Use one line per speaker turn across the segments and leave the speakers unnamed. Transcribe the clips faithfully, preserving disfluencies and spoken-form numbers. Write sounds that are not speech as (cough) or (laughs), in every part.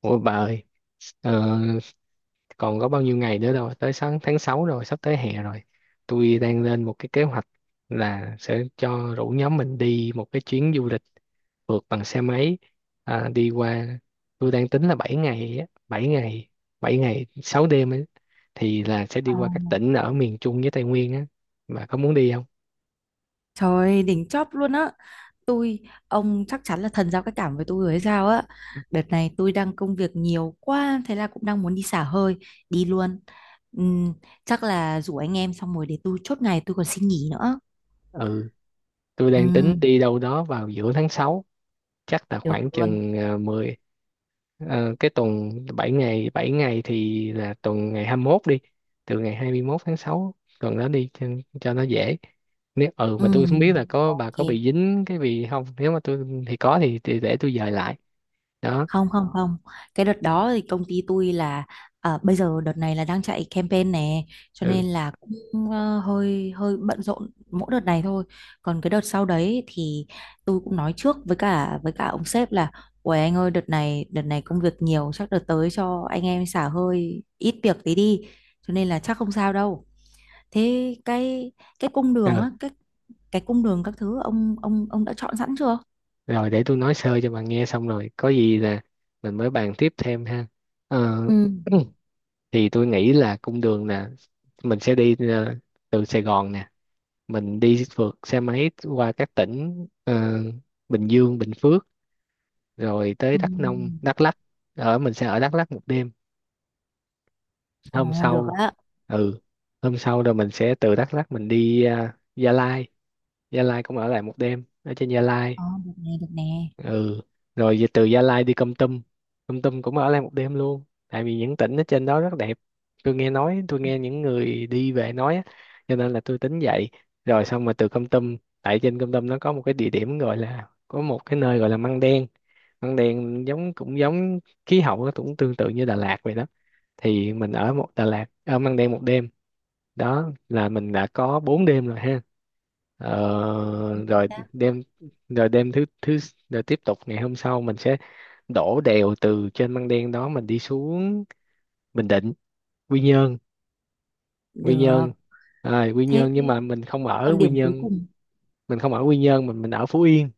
Ủa bà ơi, ờ, còn có bao nhiêu ngày nữa đâu, tới sáng tháng sáu rồi, sắp tới hè rồi. Tôi đang lên một cái kế hoạch là sẽ cho rủ nhóm mình đi một cái chuyến du lịch phượt bằng xe máy à, đi qua. Tôi đang tính là bảy ngày, á, bảy ngày, bảy ngày sáu đêm ấy, thì là sẽ đi
Ờ.
qua các tỉnh ở miền Trung với Tây Nguyên á. Bà có muốn đi không?
Trời đỉnh chóp luôn á. Tôi ông chắc chắn là thần giao cách cảm với tôi rồi hay sao á. Đợt này tôi đang công việc nhiều quá. Thế là cũng đang muốn đi xả hơi. Đi luôn. Ừm, Chắc là rủ anh em xong rồi để tôi chốt ngày tôi còn xin nghỉ nữa.
Ừ, tôi đang tính
Ừm,
đi đâu đó vào giữa tháng sáu, chắc là
Được
khoảng
luôn.
chừng ờ, mười. Ờ, cái tuần bảy ngày bảy ngày thì là tuần ngày hai mươi mốt đi, từ ngày hai mươi mốt tháng sáu tuần đó đi cho, cho nó dễ. Nếu ừ mà tôi không biết
Ừm,
là có bà
Ok.
có bị dính cái gì không, nếu mà tôi thì có thì, thì để tôi dời lại đó.
Không, không, không, cái đợt đó thì công ty tôi là à, bây giờ đợt này là đang chạy campaign nè, cho nên
ừ
là cũng ờ, hơi hơi bận rộn mỗi đợt này thôi. Còn cái đợt sau đấy thì tôi cũng nói trước với cả với cả ông sếp là ôi anh ơi, đợt này đợt này công việc nhiều, chắc đợt tới cho anh em xả hơi ít việc tí đi, cho nên là chắc không sao đâu. thế cái cái cung đường
ừ
á cái cái cung đường các thứ ông ông ông đã chọn sẵn chưa?
Rồi để tôi nói sơ cho bà nghe xong rồi có gì là mình mới bàn tiếp thêm ha. Ờ,
Ừ.
(clears throat) thì tôi nghĩ là cung đường là mình sẽ đi ờ, từ Sài Gòn nè, mình đi phượt xe máy qua các tỉnh ờ, Bình Dương, Bình Phước, rồi tới
Ừ.
Đắk Nông, Đắk Lắk. Ở mình sẽ ở Đắk Lắk một đêm,
Ồ,
hôm
được
sau
á.
ừ hôm sau rồi mình sẽ từ Đắk Lắk mình đi à, Gia Lai. Gia Lai cũng ở lại một đêm ở trên Gia Lai.
Ờ, được nè, được nè.
ừ Rồi về từ Gia Lai đi Kon Tum. Kon Tum cũng ở lại một đêm luôn tại vì những tỉnh ở trên đó rất đẹp. Tôi nghe nói tôi nghe những người đi về nói á, cho nên là tôi tính vậy. Rồi xong mà từ Kon Tum, tại trên Kon Tum nó có một cái địa điểm gọi là có một cái nơi gọi là Măng Đen. Măng Đen giống Cũng giống khí hậu, nó cũng tương tự như Đà Lạt vậy đó, thì mình ở một Đà Lạt ở Măng Đen một đêm. Đó là mình đã có bốn đêm rồi ha. Ờ, rồi
Dạ.
đêm rồi đêm thứ thứ Rồi tiếp tục ngày hôm sau mình sẽ đổ đèo từ trên Măng Đen đó mình đi xuống Bình Định, Quy Nhơn. Quy Nhơn
Được.
à, Quy
Thế
Nhơn nhưng
thì-
mà mình không
Thế
ở
còn
Quy
điểm cuối
Nhơn,
cùng.
mình không ở Quy Nhơn mình mình ở Phú Yên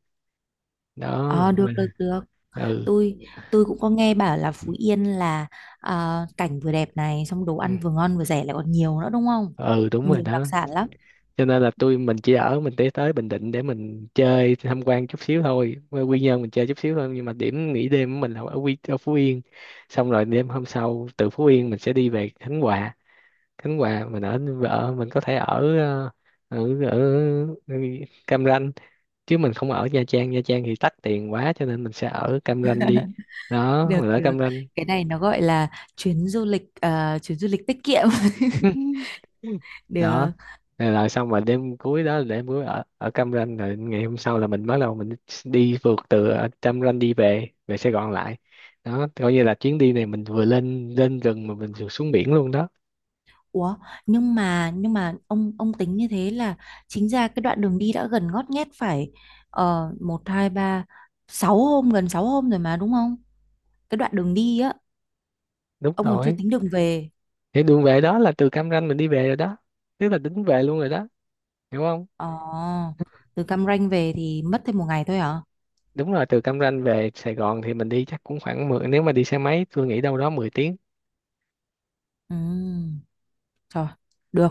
đó.
Ờ,
Mình,
được, được, được.
ừ
Tôi tôi cũng có nghe bảo là Phú Yên là ờ, cảnh vừa đẹp này, xong đồ
ừ
ăn vừa ngon vừa rẻ lại còn nhiều nữa, đúng không?
Ừ, đúng rồi
Nhiều đặc
đó.
sản lắm.
Cho nên là tôi mình chỉ ở mình tới tới Bình Định để mình chơi, tham quan chút xíu thôi. Qua Quy Nhơn mình chơi chút xíu thôi nhưng mà điểm nghỉ đêm của mình là ở Quy ở Phú Yên. Xong rồi đêm hôm sau từ Phú Yên mình sẽ đi về Khánh Hòa. Khánh Hòa mình ở ở mình có thể ở ờ, ở ở Cam Ranh, chứ mình không ở Nha Trang. Nha Trang thì tắc tiền quá cho nên mình sẽ ở Cam Ranh đi. Đó
Được,
mình ở
được.
Cam Ranh.
Cái này nó gọi là chuyến du lịch ờ, chuyến du lịch tiết kiệm. (laughs)
(laughs) Đó
Được.
rồi, rồi xong rồi đêm cuối đó là đêm cuối ở ở Cam Ranh, rồi ngày hôm sau là mình bắt đầu mình đi phượt từ ở Cam Ranh đi về về Sài Gòn lại. Đó coi như là chuyến đi này mình vừa lên lên rừng mà mình vừa xuống biển luôn đó.
Ủa, nhưng mà nhưng mà ông ông tính như thế là chính ra cái đoạn đường đi đã gần ngót nghét phải uh, một hai ba sáu hôm, gần sáu hôm rồi mà, đúng không? Cái đoạn đường đi á
Đúng
ông còn chưa
rồi,
tính đường về.
thì đường về đó là từ Cam Ranh mình đi về rồi đó, tức là tính về luôn rồi đó, hiểu không.
Ờ, từ Cam Ranh về thì mất thêm một ngày thôi hả?
Đúng rồi, từ Cam Ranh về Sài Gòn thì mình đi chắc cũng khoảng mười, nếu mà đi xe máy tôi nghĩ đâu đó mười tiếng.
Ừ. Trời. Được.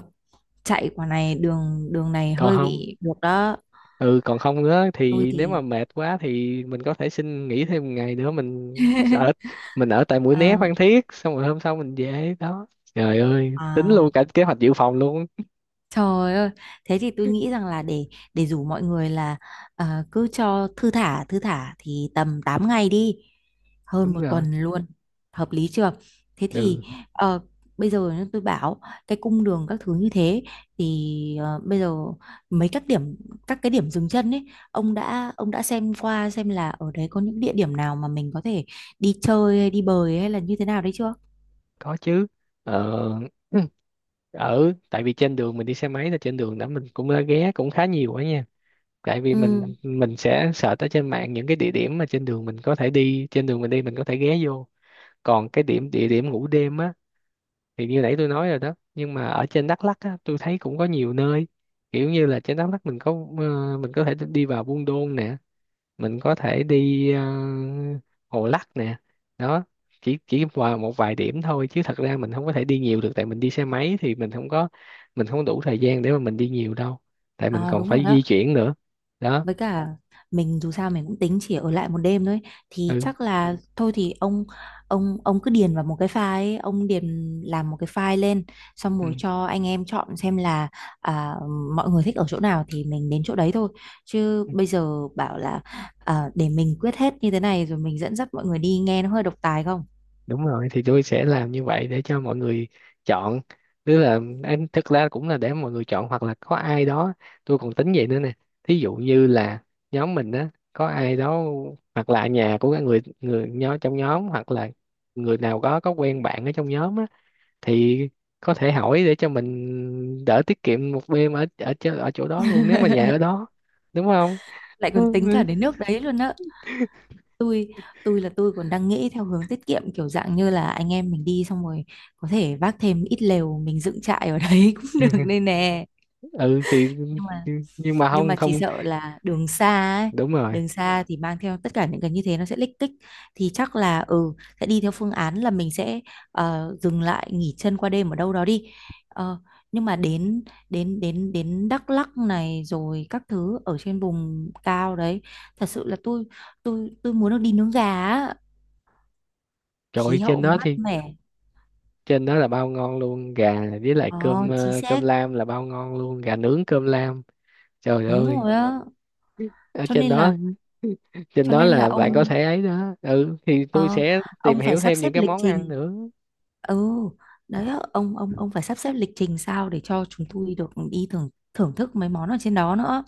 Chạy quả này, đường đường này
Còn
hơi
không
bị được đó.
ừ còn không nữa
Tôi
thì nếu
thì
mà mệt quá thì mình có thể xin nghỉ thêm một ngày nữa, mình ở,
(laughs)
mình ở tại Mũi Né,
Ờ.
Phan Thiết, xong rồi hôm sau mình về đó. Trời ơi tính luôn
À.
cả kế hoạch dự phòng luôn.
Trời ơi, thế thì tôi nghĩ rằng là để để rủ mọi người là ờ, cứ cho thư thả thư thả thì tầm tám ngày đi, hơn
Đúng
một
rồi.
tuần luôn, hợp lý chưa? Thế thì
ừ
ờ, bây giờ nhá, tôi bảo cái cung đường các thứ như thế thì ờ, bây giờ mấy các điểm các cái điểm dừng chân ấy, ông đã ông đã xem qua xem là ở đấy có những địa điểm nào mà mình có thể đi chơi hay đi bơi hay là như thế nào đấy chưa?
có chứ. ờ, (clears throat) Ở tại vì trên đường mình đi xe máy là trên đường đó mình cũng đã ghé cũng khá nhiều quá nha, tại vì
Ừ.
mình mình sẽ search ở trên mạng những cái địa điểm mà trên đường mình có thể đi, trên đường mình đi mình có thể ghé vô. Còn cái điểm địa điểm ngủ đêm á, thì như nãy tôi nói rồi đó, nhưng mà ở trên Đắk Lắk á, tôi thấy cũng có nhiều nơi. Kiểu như là trên Đắk Lắk mình có ờ, mình có thể đi vào Buôn Đôn nè, mình có thể đi ờ, Hồ Lắc nè. Đó chỉ chỉ vào một vài điểm thôi chứ thật ra mình không có thể đi nhiều được, tại mình đi xe máy thì mình không có, mình không đủ thời gian để mà mình đi nhiều đâu, tại mình
À,
còn
đúng rồi
phải
đó.
di chuyển nữa. Đó
Với cả mình dù sao mình cũng tính chỉ ở lại một đêm thôi, thì
ừ
chắc là thôi thì ông ông ông cứ điền vào một cái file ấy, ông điền làm một cái file lên, xong
ừ
rồi cho anh em chọn xem là à, mọi người thích ở chỗ nào thì mình đến chỗ đấy thôi. Chứ bây giờ bảo là à, để mình quyết hết như thế này rồi mình dẫn dắt mọi người đi nghe nó hơi độc tài không?
đúng rồi, thì tôi sẽ làm như vậy để cho mọi người chọn. Tức là em thực ra cũng là để mọi người chọn hoặc là có ai đó. Tôi còn tính vậy nữa nè, thí dụ như là nhóm mình á có ai đó hoặc là nhà của cái người người nhóm trong nhóm hoặc là người nào có có quen bạn ở trong nhóm á, thì có thể hỏi để cho mình đỡ, tiết kiệm một đêm ở ở chỗ- ở chỗ đó luôn nếu mà nhà ở đó, đúng không.
Lại còn tính cả đến nước đấy luôn á. Tôi tôi là tôi còn đang nghĩ theo hướng tiết kiệm, kiểu dạng như là anh em mình đi xong rồi có thể vác thêm ít lều, mình dựng trại ở đấy (laughs) cũng được
(laughs)
nên nè.
Ừ thì
nhưng mà
nhưng mà
nhưng
không
mà chỉ
không
sợ là đường xa ấy.
đúng rồi.
Đường xa thì mang theo tất cả những cái như thế nó sẽ lích kích, thì chắc là ừ sẽ đi theo phương án là mình sẽ ờ, dừng lại nghỉ chân qua đêm ở đâu đó đi. Ờ, nhưng mà đến đến đến đến Đắk Lắk này rồi các thứ ở trên vùng cao đấy, thật sự là tôi tôi tôi muốn được đi nướng gà á,
Trời ơi,
khí
trên
hậu
đó
mát
thì
mẻ.
trên đó là bao ngon luôn, gà với lại cơm
Ờ, chính
ờ, cơm
xác.
lam là bao ngon luôn, gà nướng cơm lam. Trời
Đúng
ơi
rồi á.
ở
cho
trên
nên
đó,
là
trên
cho
đó
nên là
là bạn có
ông
thể ấy đó, ừ thì tôi
ờ,
sẽ tìm
ông phải
hiểu
sắp
thêm
xếp
những cái
lịch
món ăn
trình.
nữa.
Ừ. Đấy á, ông ông ông phải sắp xếp lịch trình sao để cho chúng tôi được đi thưởng thưởng thức mấy món ở trên đó nữa.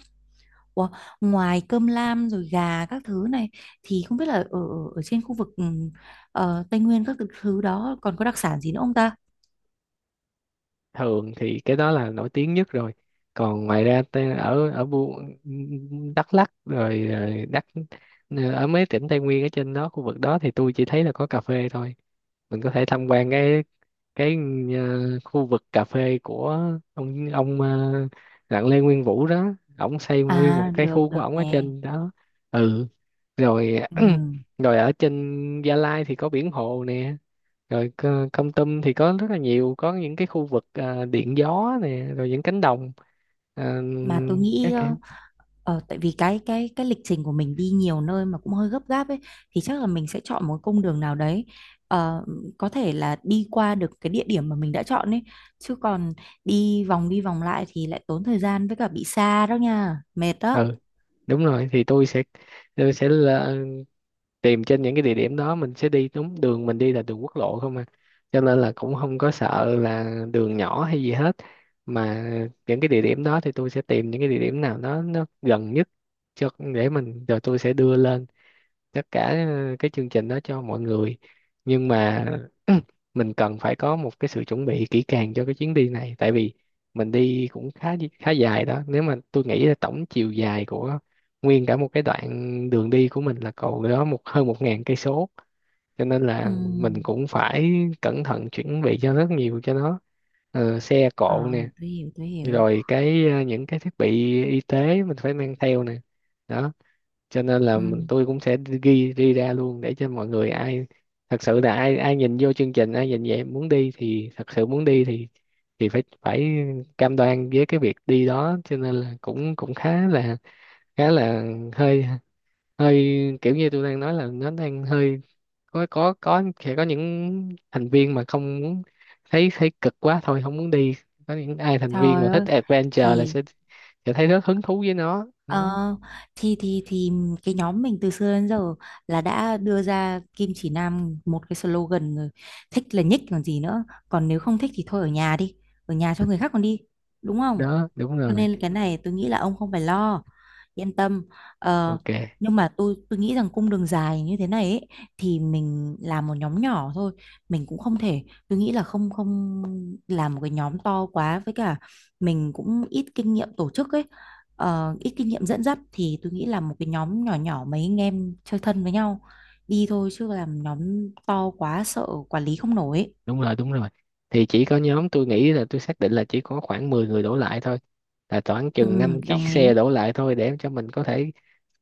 Ủa, ngoài cơm lam rồi gà các thứ này thì không biết là ở ở ở trên khu vực ừ, ờ, Tây Nguyên các thứ đó còn có đặc sản gì nữa không ta?
Thường thì cái đó là nổi tiếng nhất rồi, còn ngoài ra ta- ở ở Bu- Đắk Lắk rồi, rồi Đắk ờ, ở mấy tỉnh Tây Nguyên ở trên đó khu vực đó thì tôi chỉ thấy là có cà phê thôi. Mình có thể tham quan cái cái ờ, khu vực cà phê của ông ông ờ, Đặng Lê Nguyên Vũ đó, ổng xây nguyên một
À,
cái khu
được
của
được
ổng ở
nè.
trên đó. ừ Rồi
Ừ.
(clears throat) rồi ở trên Gia Lai thì có biển hồ nè. Rồi co- Kon Tum thì có rất là nhiều, có những cái khu vực ờ, điện gió nè rồi những cánh đồng ờ,
Mà tôi nghĩ
các
ờ,
kiểu.
ờ, tại vì cái cái cái lịch trình của mình đi nhiều nơi mà cũng hơi gấp gáp ấy, thì chắc là mình sẽ chọn một cung đường nào đấy ờ, có thể là đi qua được cái địa điểm mà mình đã chọn ấy. Chứ còn đi vòng đi vòng lại thì lại tốn thời gian, với cả bị xa đó nha, mệt đó.
ừ Đúng rồi, thì tôi sẽ tôi sẽ là- tìm trên những cái địa điểm đó mình sẽ đi đúng, đường mình đi là đường quốc lộ không à, cho nên là cũng không có sợ là đường nhỏ hay gì hết. Mà những cái địa điểm đó thì tôi sẽ tìm những cái địa điểm nào đó nó gần nhất cho, để mình, rồi tôi sẽ đưa lên tất cả ờ, cái chương trình đó cho mọi người. Nhưng mà (clears throat) mình cần phải có một cái sự chuẩn bị kỹ càng cho cái chuyến đi này, tại vì mình đi cũng khá khá dài đó. Nếu mà tôi nghĩ là tổng chiều dài của nguyên cả một cái đoạn đường đi của mình là cầu đó một hơn một ngàn cây số, cho nên
Ừ.
là mình cũng phải cẩn thận chuẩn bị cho rất nhiều cho nó. Ờ, xe
Ờ,
cộ nè,
tôi hiểu, tôi hiểu.
rồi cái ờ, những cái thiết bị y tế mình phải mang theo nè. Đó cho nên là
Ừ.
tôi cũng sẽ ghi đi ra luôn để cho mọi người, ai thật sự là ai ai nhìn vô chương trình, ai nhìn vậy muốn đi thì thật sự muốn đi thì thì phải phải cam đoan với cái việc đi đó. Cho nên là cũng cũng khá là khá là hơi hơi kiểu như tôi đang nói là nó đang hơi có có có sẽ có những thành viên mà không muốn, thấy thấy cực quá thôi không muốn đi. Có những ai thành viên mà
Trời
thích
ơi.
adventure là
thì
sẽ sẽ thấy rất hứng thú với nó, ừ,
Ờ, thì thì thì cái nhóm mình từ xưa đến giờ là đã đưa ra Kim Chỉ Nam một cái slogan rồi, thích là nhích, còn gì nữa? Còn nếu không thích thì thôi ở nhà đi, ở nhà cho người khác còn đi, đúng không?
đó đúng
Cho
rồi.
nên cái này tôi nghĩ là ông không phải lo, yên tâm. Ờ,
Ok,
nhưng mà tôi tôi nghĩ rằng cung đường dài như thế này ấy, thì mình làm một nhóm nhỏ thôi. Mình cũng không thể, tôi nghĩ là không không làm một cái nhóm to quá. Với cả mình cũng ít kinh nghiệm tổ chức ấy, ờ, ít kinh nghiệm dẫn dắt, thì tôi nghĩ là một cái nhóm nhỏ nhỏ mấy anh em chơi thân với nhau đi thôi, chứ làm nhóm to quá sợ quản lý không nổi ấy.
đúng rồi, đúng rồi thì chỉ có nhóm, tôi nghĩ là tôi xác định là chỉ có khoảng mười người đổ lại thôi, là khoảng
Ừ,
chừng năm chiếc
đồng
xe
ý.
đổ lại thôi, để cho mình có thể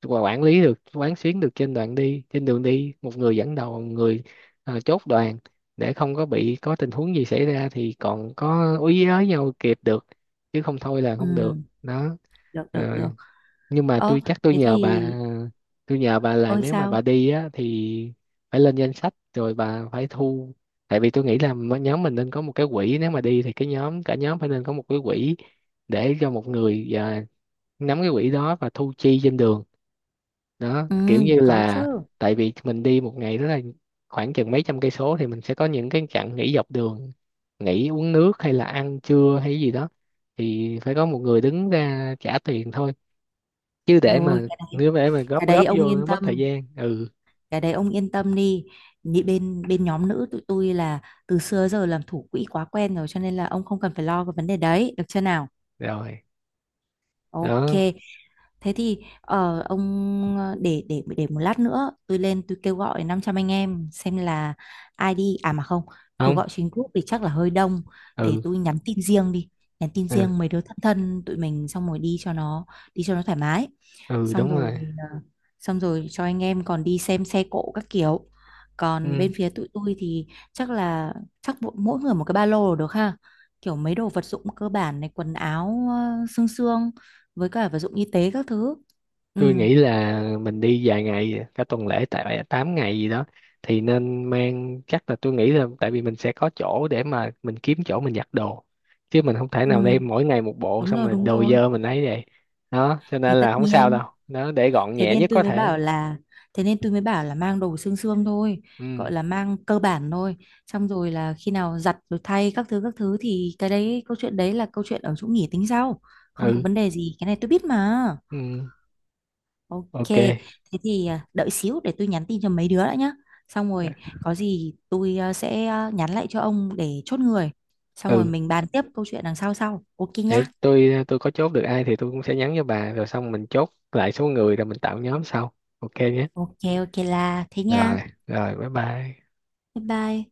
qua- quản lý được, quán xuyến được trên đoạn đi trên đường đi. Một người dẫn đầu, một người ờ, chốt đoàn, để không có bị, có tình huống gì xảy ra thì còn có úy với nhau kịp được, chứ không thôi là không được
Ừ,
đó.
được, được,
Ờ,
được.
nhưng mà
Ờ
tôi chắc tôi
thế
nhờ
thì
bà tôi nhờ bà là
ơi
nếu mà bà
sao.
đi á thì phải lên danh sách rồi bà phải thu. Tại vì tôi nghĩ là m- nhóm mình nên có một cái quỹ, nếu mà đi thì cái nhóm cả nhóm phải nên có một cái quỹ để cho một người à, nắm cái quỹ đó và thu chi trên đường. Đó
Ừ,
kiểu như
có chứ.
là, tại vì mình đi một ngày đó là khoảng chừng mấy trăm cây số, thì mình sẽ có những cái chặng nghỉ dọc đường, nghỉ uống nước hay là ăn trưa hay gì đó, thì phải có một người đứng ra trả tiền thôi, chứ để
Rồi
mà
cái đấy,
nếu để mà góp
cái đấy
góp
ông
vô nó
yên
mất thời
tâm,
gian. ừ
cái đấy ông yên tâm đi. Nhị- Bên bên nhóm nữ tụi tôi là từ xưa giờ làm thủ quỹ quá quen rồi, cho nên là ông không cần phải lo cái vấn đề đấy, được chưa nào?
Rồi
Ok.
đó.
Thế thì ờ, ông ờ, để để để một lát nữa tôi lên tôi kêu gọi năm trăm anh em xem là ai đi. À mà không, kêu
Không
gọi trên group thì chắc là hơi đông, để
ừ
tôi nhắn tin riêng đi, nhắn tin
ừ
riêng mấy đứa thân thân tụi mình xong rồi đi cho nó đi cho nó thoải mái.
ừ
Xong
Đúng
rồi
rồi.
ờ, xong rồi cho anh em còn đi xem xe cộ các kiểu. Còn bên
Ừ,
phía tụi tôi thì chắc là chắc mỗi mỗi người một cái ba lô là được ha, kiểu mấy đồ vật dụng cơ bản này, quần áo ờ, xương xương, với cả vật dụng y tế các thứ. Ừ.
tôi nghĩ là mình đi vài ngày cả tuần lễ tại tám ngày gì đó, thì nên mang, chắc là tôi nghĩ là tại vì mình sẽ có chỗ để mà mình kiếm chỗ mình giặt đồ, chứ mình không thể nào
Ừ,
đem mỗi ngày một bộ
đúng
xong
rồi,
rồi
đúng
đồ
rồi.
dơ mình ấy vậy. Đó cho
Thì
nên
tất
là không sao
nhiên,
đâu. Đó để gọn
thế
nhẹ
nên
nhất
tôi
có
mới
thể.
bảo là thế nên tôi mới bảo là mang đồ xương xương thôi,
ừ
gọi là mang cơ bản thôi. Xong rồi là khi nào giặt rồi thay các thứ các thứ thì cái đấy, câu chuyện đấy là câu chuyện ở chỗ nghỉ, tính sau. Không có
ừ
vấn đề gì, cái này tôi biết mà.
ừ
Ok.
ok.
Thế thì à, đợi xíu để tôi nhắn tin cho mấy đứa đã nhá, xong rồi có gì tôi à, sẽ à, nhắn lại cho ông để chốt người, xong rồi
Ừ
mình bàn tiếp câu chuyện đằng sau sau, ok
để
nhá.
tôi tôi có chốt được ai thì tôi cũng sẽ nhắn cho bà, rồi xong mình chốt lại số người rồi mình tạo nhóm sau, ok nhé.
Ok, ok là thế nha.
Rồi Rồi bye bye.
Bye bye.